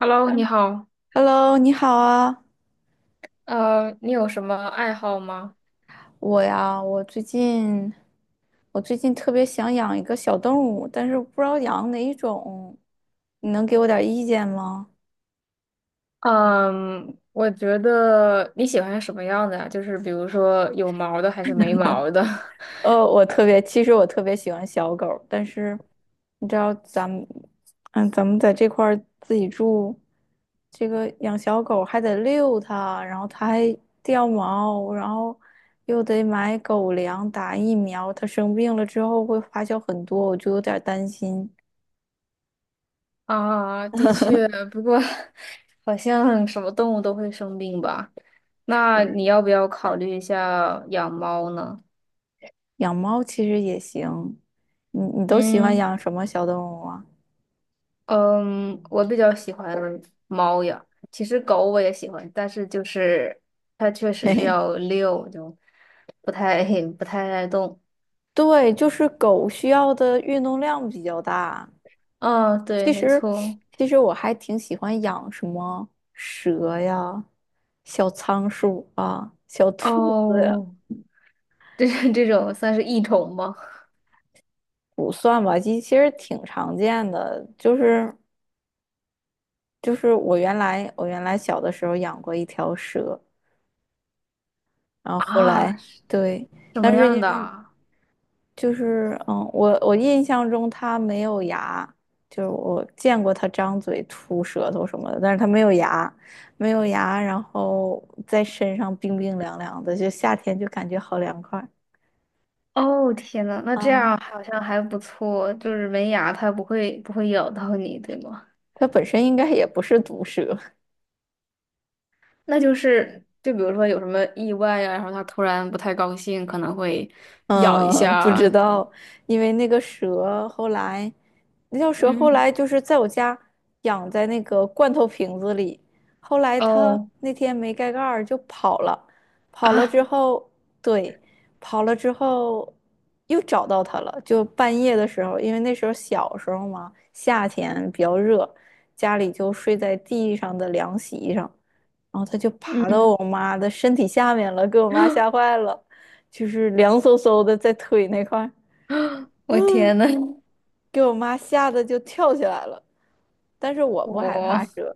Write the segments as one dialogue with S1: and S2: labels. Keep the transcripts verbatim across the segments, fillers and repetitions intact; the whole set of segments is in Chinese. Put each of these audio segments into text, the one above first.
S1: Hello，你好。
S2: Hello，你好啊，
S1: 呃，你有什么爱好吗？
S2: 我呀，我最近我最近特别想养一个小动物，但是不知道养哪一种，你能给我点儿意见吗？
S1: 嗯，我觉得你喜欢什么样的呀？就是比如说有毛的还是没毛的？
S2: 呃，我特别，其实我特别喜欢小狗儿，但是你知道咱们，嗯，咱们在这块儿自己住，这个养小狗还得遛它，然后它还掉毛，然后又得买狗粮、打疫苗，它生病了之后会花销很多，我就有点儿担心。
S1: 啊，的确，不过好像什么动物都会生病吧？那你
S2: 是，
S1: 要不要考虑一下养猫呢？
S2: 养猫其实也行，你你都喜欢
S1: 嗯
S2: 养什么小动物啊？
S1: 嗯，我比较喜欢猫呀。其实狗我也喜欢，但是就是它确 实
S2: 嘿
S1: 是
S2: 嘿，
S1: 要遛，就不太 不太爱动。
S2: 对，就是狗需要的运动量比较大。
S1: 哦，对，
S2: 其
S1: 没
S2: 实，
S1: 错。
S2: 其实我还挺喜欢养什么蛇呀、小仓鼠啊、小兔子呀，
S1: 哦，这 这种算是异虫吗？
S2: 不算吧，其其实挺常见的。就是就是我原来我原来小的时候养过一条蛇，然 后后
S1: 啊，
S2: 来。
S1: 是
S2: 对，
S1: 什
S2: 但
S1: 么
S2: 是因
S1: 样的
S2: 为
S1: 啊？
S2: 就是嗯，我我印象中它没有牙，就是我见过它张嘴吐舌头什么的，但是它没有牙，没有牙，然后在身上冰冰凉凉的，就夏天就感觉好凉快。
S1: 哦，天呐，那这
S2: 啊。
S1: 样好像还不错，就是没牙，它不会不会咬到你，对吗？
S2: 它本身应该也不是毒蛇，
S1: 那就是，就比如说有什么意外呀、然后它突然不太高兴，可能会咬一
S2: 嗯，不知
S1: 下。
S2: 道，因为那个蛇后来，那条蛇后
S1: 嗯，
S2: 来就是在我家养在那个罐头瓶子里，后来它
S1: 哦，
S2: 那天没盖盖儿就跑了，跑了
S1: 啊
S2: 之后，对，跑了之后又找到它了，就半夜的时候，因为那时候小时候嘛，夏天比较热，家里就睡在地上的凉席上。然后它就 爬到我
S1: 嗯，
S2: 妈的身体下面了，给我妈吓坏了，就是凉飕飕的在腿那块儿，
S1: 我
S2: 嗯
S1: 天呐，
S2: 给我妈吓得就跳起来了。但是我不害怕
S1: 我
S2: 蛇。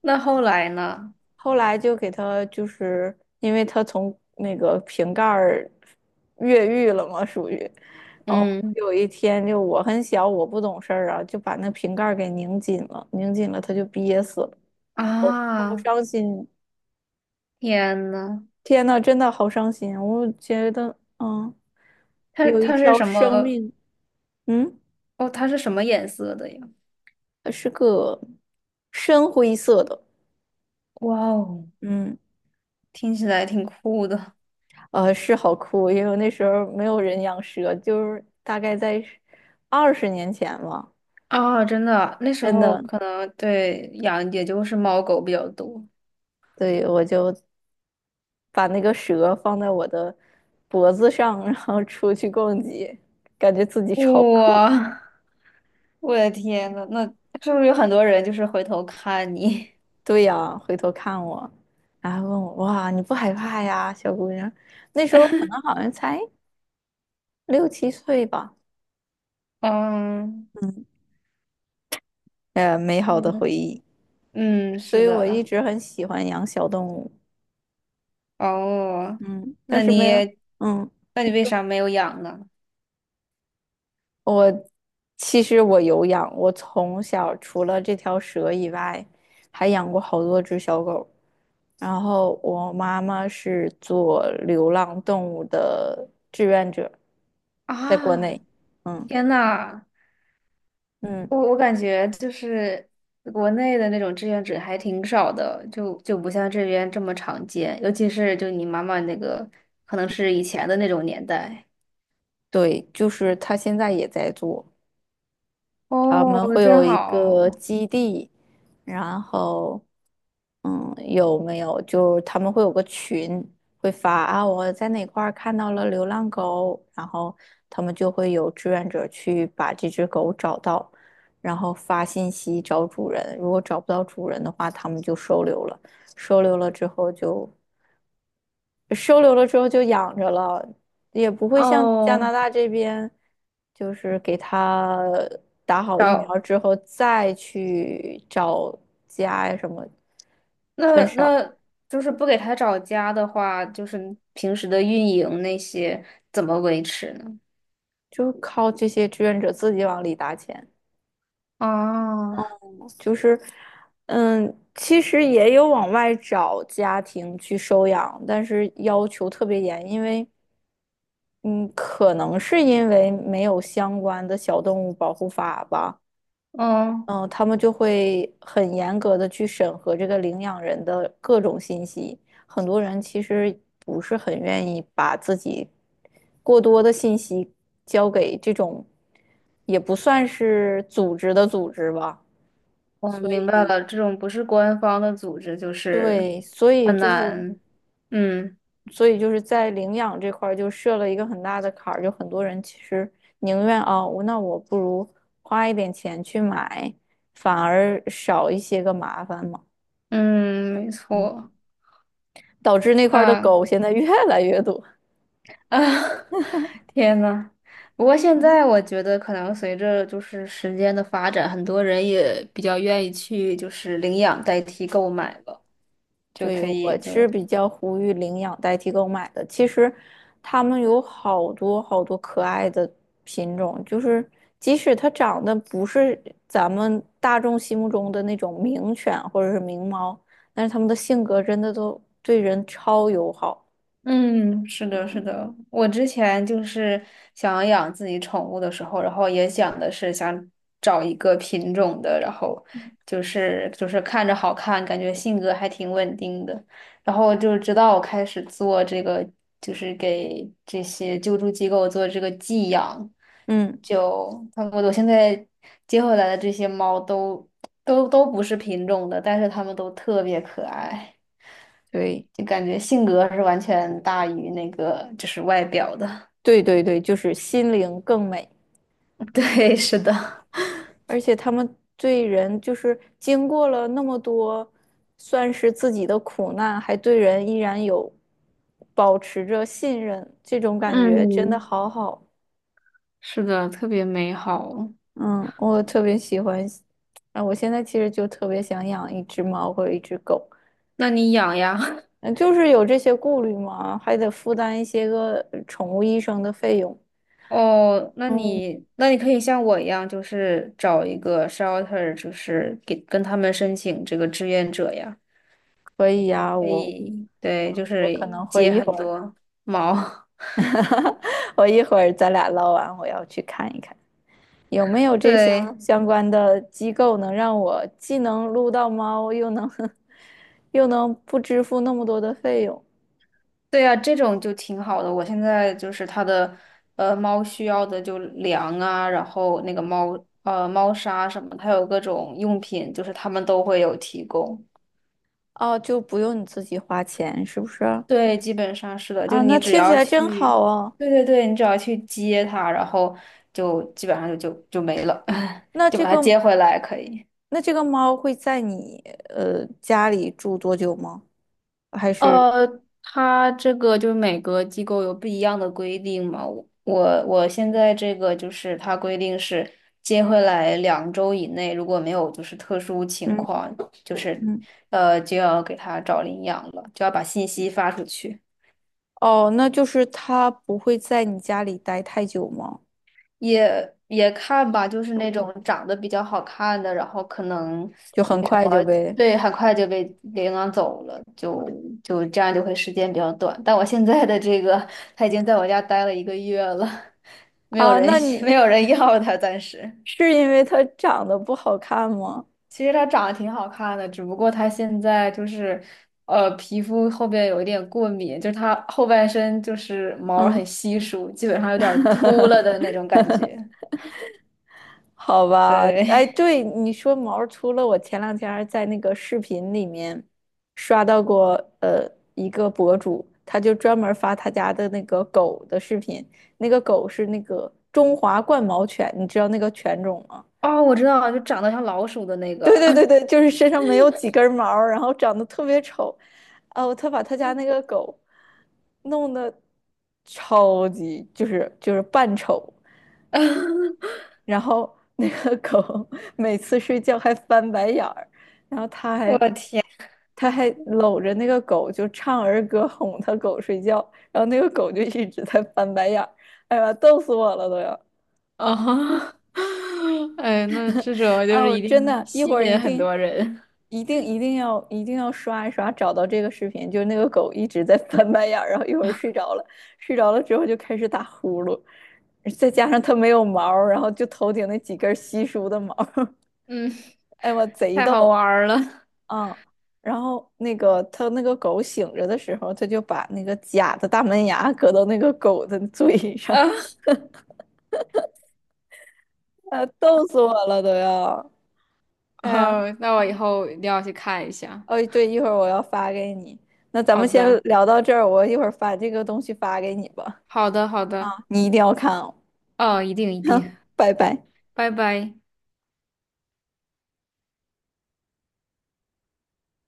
S1: 那后来呢？
S2: 后来就给它，就是因为它从那个瓶盖儿越狱了嘛，属于，然后
S1: 嗯，
S2: 有一天，就我很小，我不懂事儿啊，就把那瓶盖儿给拧紧了，拧紧了它就憋死了，好
S1: 啊，
S2: 伤心。
S1: 天呐。
S2: 天呐，真的好伤心！我觉得，嗯，
S1: 它
S2: 有一
S1: 它是
S2: 条
S1: 什
S2: 生
S1: 么？
S2: 命。嗯，
S1: 哦，它是什么颜色的呀？
S2: 呃是个深灰色的。
S1: 哇哦，
S2: 嗯，
S1: 听起来挺酷的
S2: 呃，是好酷，因为那时候没有人养蛇，就是大概在二十年前吧。
S1: 啊！真的啊，那时
S2: 真
S1: 候
S2: 的，
S1: 可能对养也就是猫狗比较多。
S2: 对，我就把那个蛇放在我的脖子上，然后出去逛街，感觉自己超酷。
S1: 哇 我的天呐，那是不是有很多人就是回头看你？
S2: 对呀，回头看我，然后问我，哇，你不害怕呀，小姑娘？那时候可能好像才六七岁吧，
S1: 嗯
S2: 呃，美好的
S1: 嗯
S2: 回忆。
S1: 嗯，
S2: 所
S1: 是
S2: 以我一
S1: 的。
S2: 直很喜欢养小动物，
S1: 哦，
S2: 嗯，但
S1: 那
S2: 是没
S1: 你
S2: 有。嗯，
S1: 那你
S2: 你
S1: 为
S2: 说，
S1: 啥没有养呢？
S2: 我其实我有养，我从小除了这条蛇以外，还养过好多只小狗。然后我妈妈是做流浪动物的志愿者，在国
S1: 啊，
S2: 内，嗯。
S1: 天呐！
S2: 嗯，
S1: 我我感觉就是国内的那种志愿者还挺少的，就就不像这边这么常见，尤其是就你妈妈那个，可能是以前的那种年代。
S2: 对，就是他现在也在做，他
S1: 哦，
S2: 们会有
S1: 真
S2: 一个
S1: 好。
S2: 基地，然后，嗯，有没有？就他们会有个群，会发啊，我在哪块儿看到了流浪狗，然后他们就会有志愿者去把这只狗找到，然后发信息找主人，如果找不到主人的话，他们就收留了，收留了之后就收留了之后就养着了，也不会像加拿
S1: 哦，
S2: 大这边，就是给它打好疫苗
S1: 找
S2: 之后再去找家呀什么，
S1: 那
S2: 很少，
S1: 那就是不给他找家的话，就是平时的运营那些怎么维持呢？
S2: 就靠这些志愿者自己往里打钱。
S1: 啊，
S2: 就是，嗯，其实也有往外找家庭去收养，但是要求特别严，因为，嗯，可能是因为没有相关的小动物保护法吧。
S1: 嗯，
S2: 嗯，他们就会很严格的去审核这个领养人的各种信息。很多人其实不是很愿意把自己过多的信息交给这种，也不算是组织的组织吧。
S1: 我
S2: 所
S1: 明白
S2: 以，
S1: 了，这种不是官方的组织，就是
S2: 对，所以
S1: 很
S2: 就是，
S1: 难，嗯。
S2: 所以就是在领养这块儿就设了一个很大的坎儿，就很多人其实宁愿啊，我那我不如花一点钱去买，反而少一些个麻烦嘛。
S1: 嗯，没
S2: 嗯
S1: 错。
S2: 导致那块儿的
S1: 啊
S2: 狗现在越来越多。
S1: 啊，天呐，不过现在我觉得，可能随着就是时间的发展，很多人也比较愿意去就是领养代替购买了，就
S2: 对，
S1: 可
S2: 我
S1: 以就
S2: 是比较呼吁领养代替购买的。其实，它们有好多好多可爱的品种，就是即使它长得不是咱们大众心目中的那种名犬或者是名猫，但是它们的性格真的都对人超友好。
S1: 嗯，是的，是
S2: 嗯，
S1: 的。我之前就是想养自己宠物的时候，然后也想的是想找一个品种的，然后就是就是看着好看，感觉性格还挺稳定的。然后就是直到我开始做这个，就是给这些救助机构做这个寄养，
S2: 嗯，
S1: 就他们我现在接回来的这些猫都都都不是品种的，但是它们都特别可爱。
S2: 对，
S1: 就感觉性格是完全大于那个就是外表的。
S2: 对对对，就是心灵更美。
S1: 对，是的，
S2: 而且他们对人，就是经过了那么多，算是自己的苦难，还对人依然有保持着信任，这种感觉真的
S1: 嗯，
S2: 好好。
S1: 是的，特别美好。
S2: 嗯，我特别喜欢。啊，我现在其实就特别想养一只猫或者一只狗，
S1: 那你养呀？
S2: 嗯，就是有这些顾虑嘛，还得负担一些个呃宠物医生的费用。
S1: 哦，那
S2: 嗯，
S1: 你那你可以像我一样，就是找一个 shelter，就是给跟他们申请这个志愿者呀。
S2: 可以呀，
S1: 可
S2: 我
S1: 以，
S2: 我
S1: 对，就是
S2: 我可能会
S1: 接
S2: 一
S1: 很
S2: 会儿，
S1: 多毛。
S2: 我一会儿咱俩唠完，我要去看一看。有 没有这相
S1: 对。
S2: 相关的机构能让我既能撸到猫，又能 又能不支付那么多的费用？
S1: 对呀，这种就挺好的。我现在就是它的，呃，猫需要的就粮啊，然后那个猫，呃，猫砂什么，它有各种用品，就是他们都会有提供。
S2: 哦，就不用你自己花钱，是不是？
S1: 对，基本上是的，就
S2: 啊，
S1: 你
S2: 那
S1: 只
S2: 听起
S1: 要
S2: 来真
S1: 去，
S2: 好啊。
S1: 对对对，你只要去接它，然后就基本上就就就没了，
S2: 那
S1: 就把
S2: 这
S1: 它
S2: 个
S1: 接回来可以。
S2: 那这个猫会在你呃家里住多久吗？还是，
S1: 呃，它这个就是每个机构有不一样的规定嘛。我我我现在这个就是它规定是接回来两周以内，如果没有就是特殊情
S2: 嗯，
S1: 况，就是
S2: 嗯，
S1: 呃就要给他找领养了，就要把信息发出去。
S2: 哦，那就是它不会在你家里待太久吗？
S1: 也也看吧，就是那种长得比较好看的，然后可能
S2: 就很
S1: 没什
S2: 快
S1: 么，
S2: 就被。
S1: 对，很快就被领养走了，就就这样就会时间比较短。但我现在的这个，他已经在我家待了一个月了，没有
S2: 啊？
S1: 人
S2: 那
S1: 没
S2: 你
S1: 有人要他，暂时。
S2: 是因为它长得不好看吗？
S1: 其实他长得挺好看的，只不过他现在就是，呃，皮肤后边有一点过敏，就是他后半身就是毛儿很
S2: 嗯。
S1: 稀疏，基本上有点儿秃了的那种感觉。
S2: 好吧，哎，
S1: 对。
S2: 对你说毛儿，除了我前两天儿在那个视频里面刷到过，呃，一个博主，他就专门儿发他家的那个狗的视频，那个狗是那个中华冠毛犬，你知道那个犬种吗？
S1: 哦，我知道了，就长得像老鼠的那
S2: 对
S1: 个。
S2: 对对对，就是身上没有几根毛儿然后长得特别丑，哦，他把他家那个狗弄得超级，就是就是扮丑。然后那个狗 每次睡觉还翻白眼儿，然后他
S1: 我
S2: 还
S1: 的天，
S2: 他还搂着那个狗就唱儿歌哄他狗睡觉，然后那个狗就一直在翻白眼儿，哎呀，逗死我了都要！
S1: 啊 哎，那这种就
S2: 哎
S1: 是
S2: 呦，
S1: 一定
S2: 真
S1: 会
S2: 的，一会
S1: 吸
S2: 儿
S1: 引
S2: 一
S1: 很
S2: 定
S1: 多人。
S2: 一定一定要一定要刷一刷，找到这个视频，就是那个狗一直在翻白眼儿，然后一会儿睡着了，睡着了之后就开始打呼噜，再加上它没有毛儿然后就头顶那几根稀疏的毛儿。
S1: 嗯，
S2: 哎，我贼
S1: 太好玩
S2: 逗。
S1: 儿了。
S2: 嗯，然后那个他那个狗醒着的时候，他就把那个假的大门牙搁到那个狗的 嘴 上，
S1: 啊，
S2: 啊，逗死我了都要，哎呀，
S1: 哦，那我以后一定要去看一下。
S2: 哦，对，一会儿我要发给你，那咱
S1: 好
S2: 们先
S1: 的，
S2: 聊到这儿，我一会儿把这个东西发给你吧，
S1: 好的，好的。
S2: 你一定要看哦，
S1: 哦，一定一定，
S2: 拜拜。
S1: 拜拜。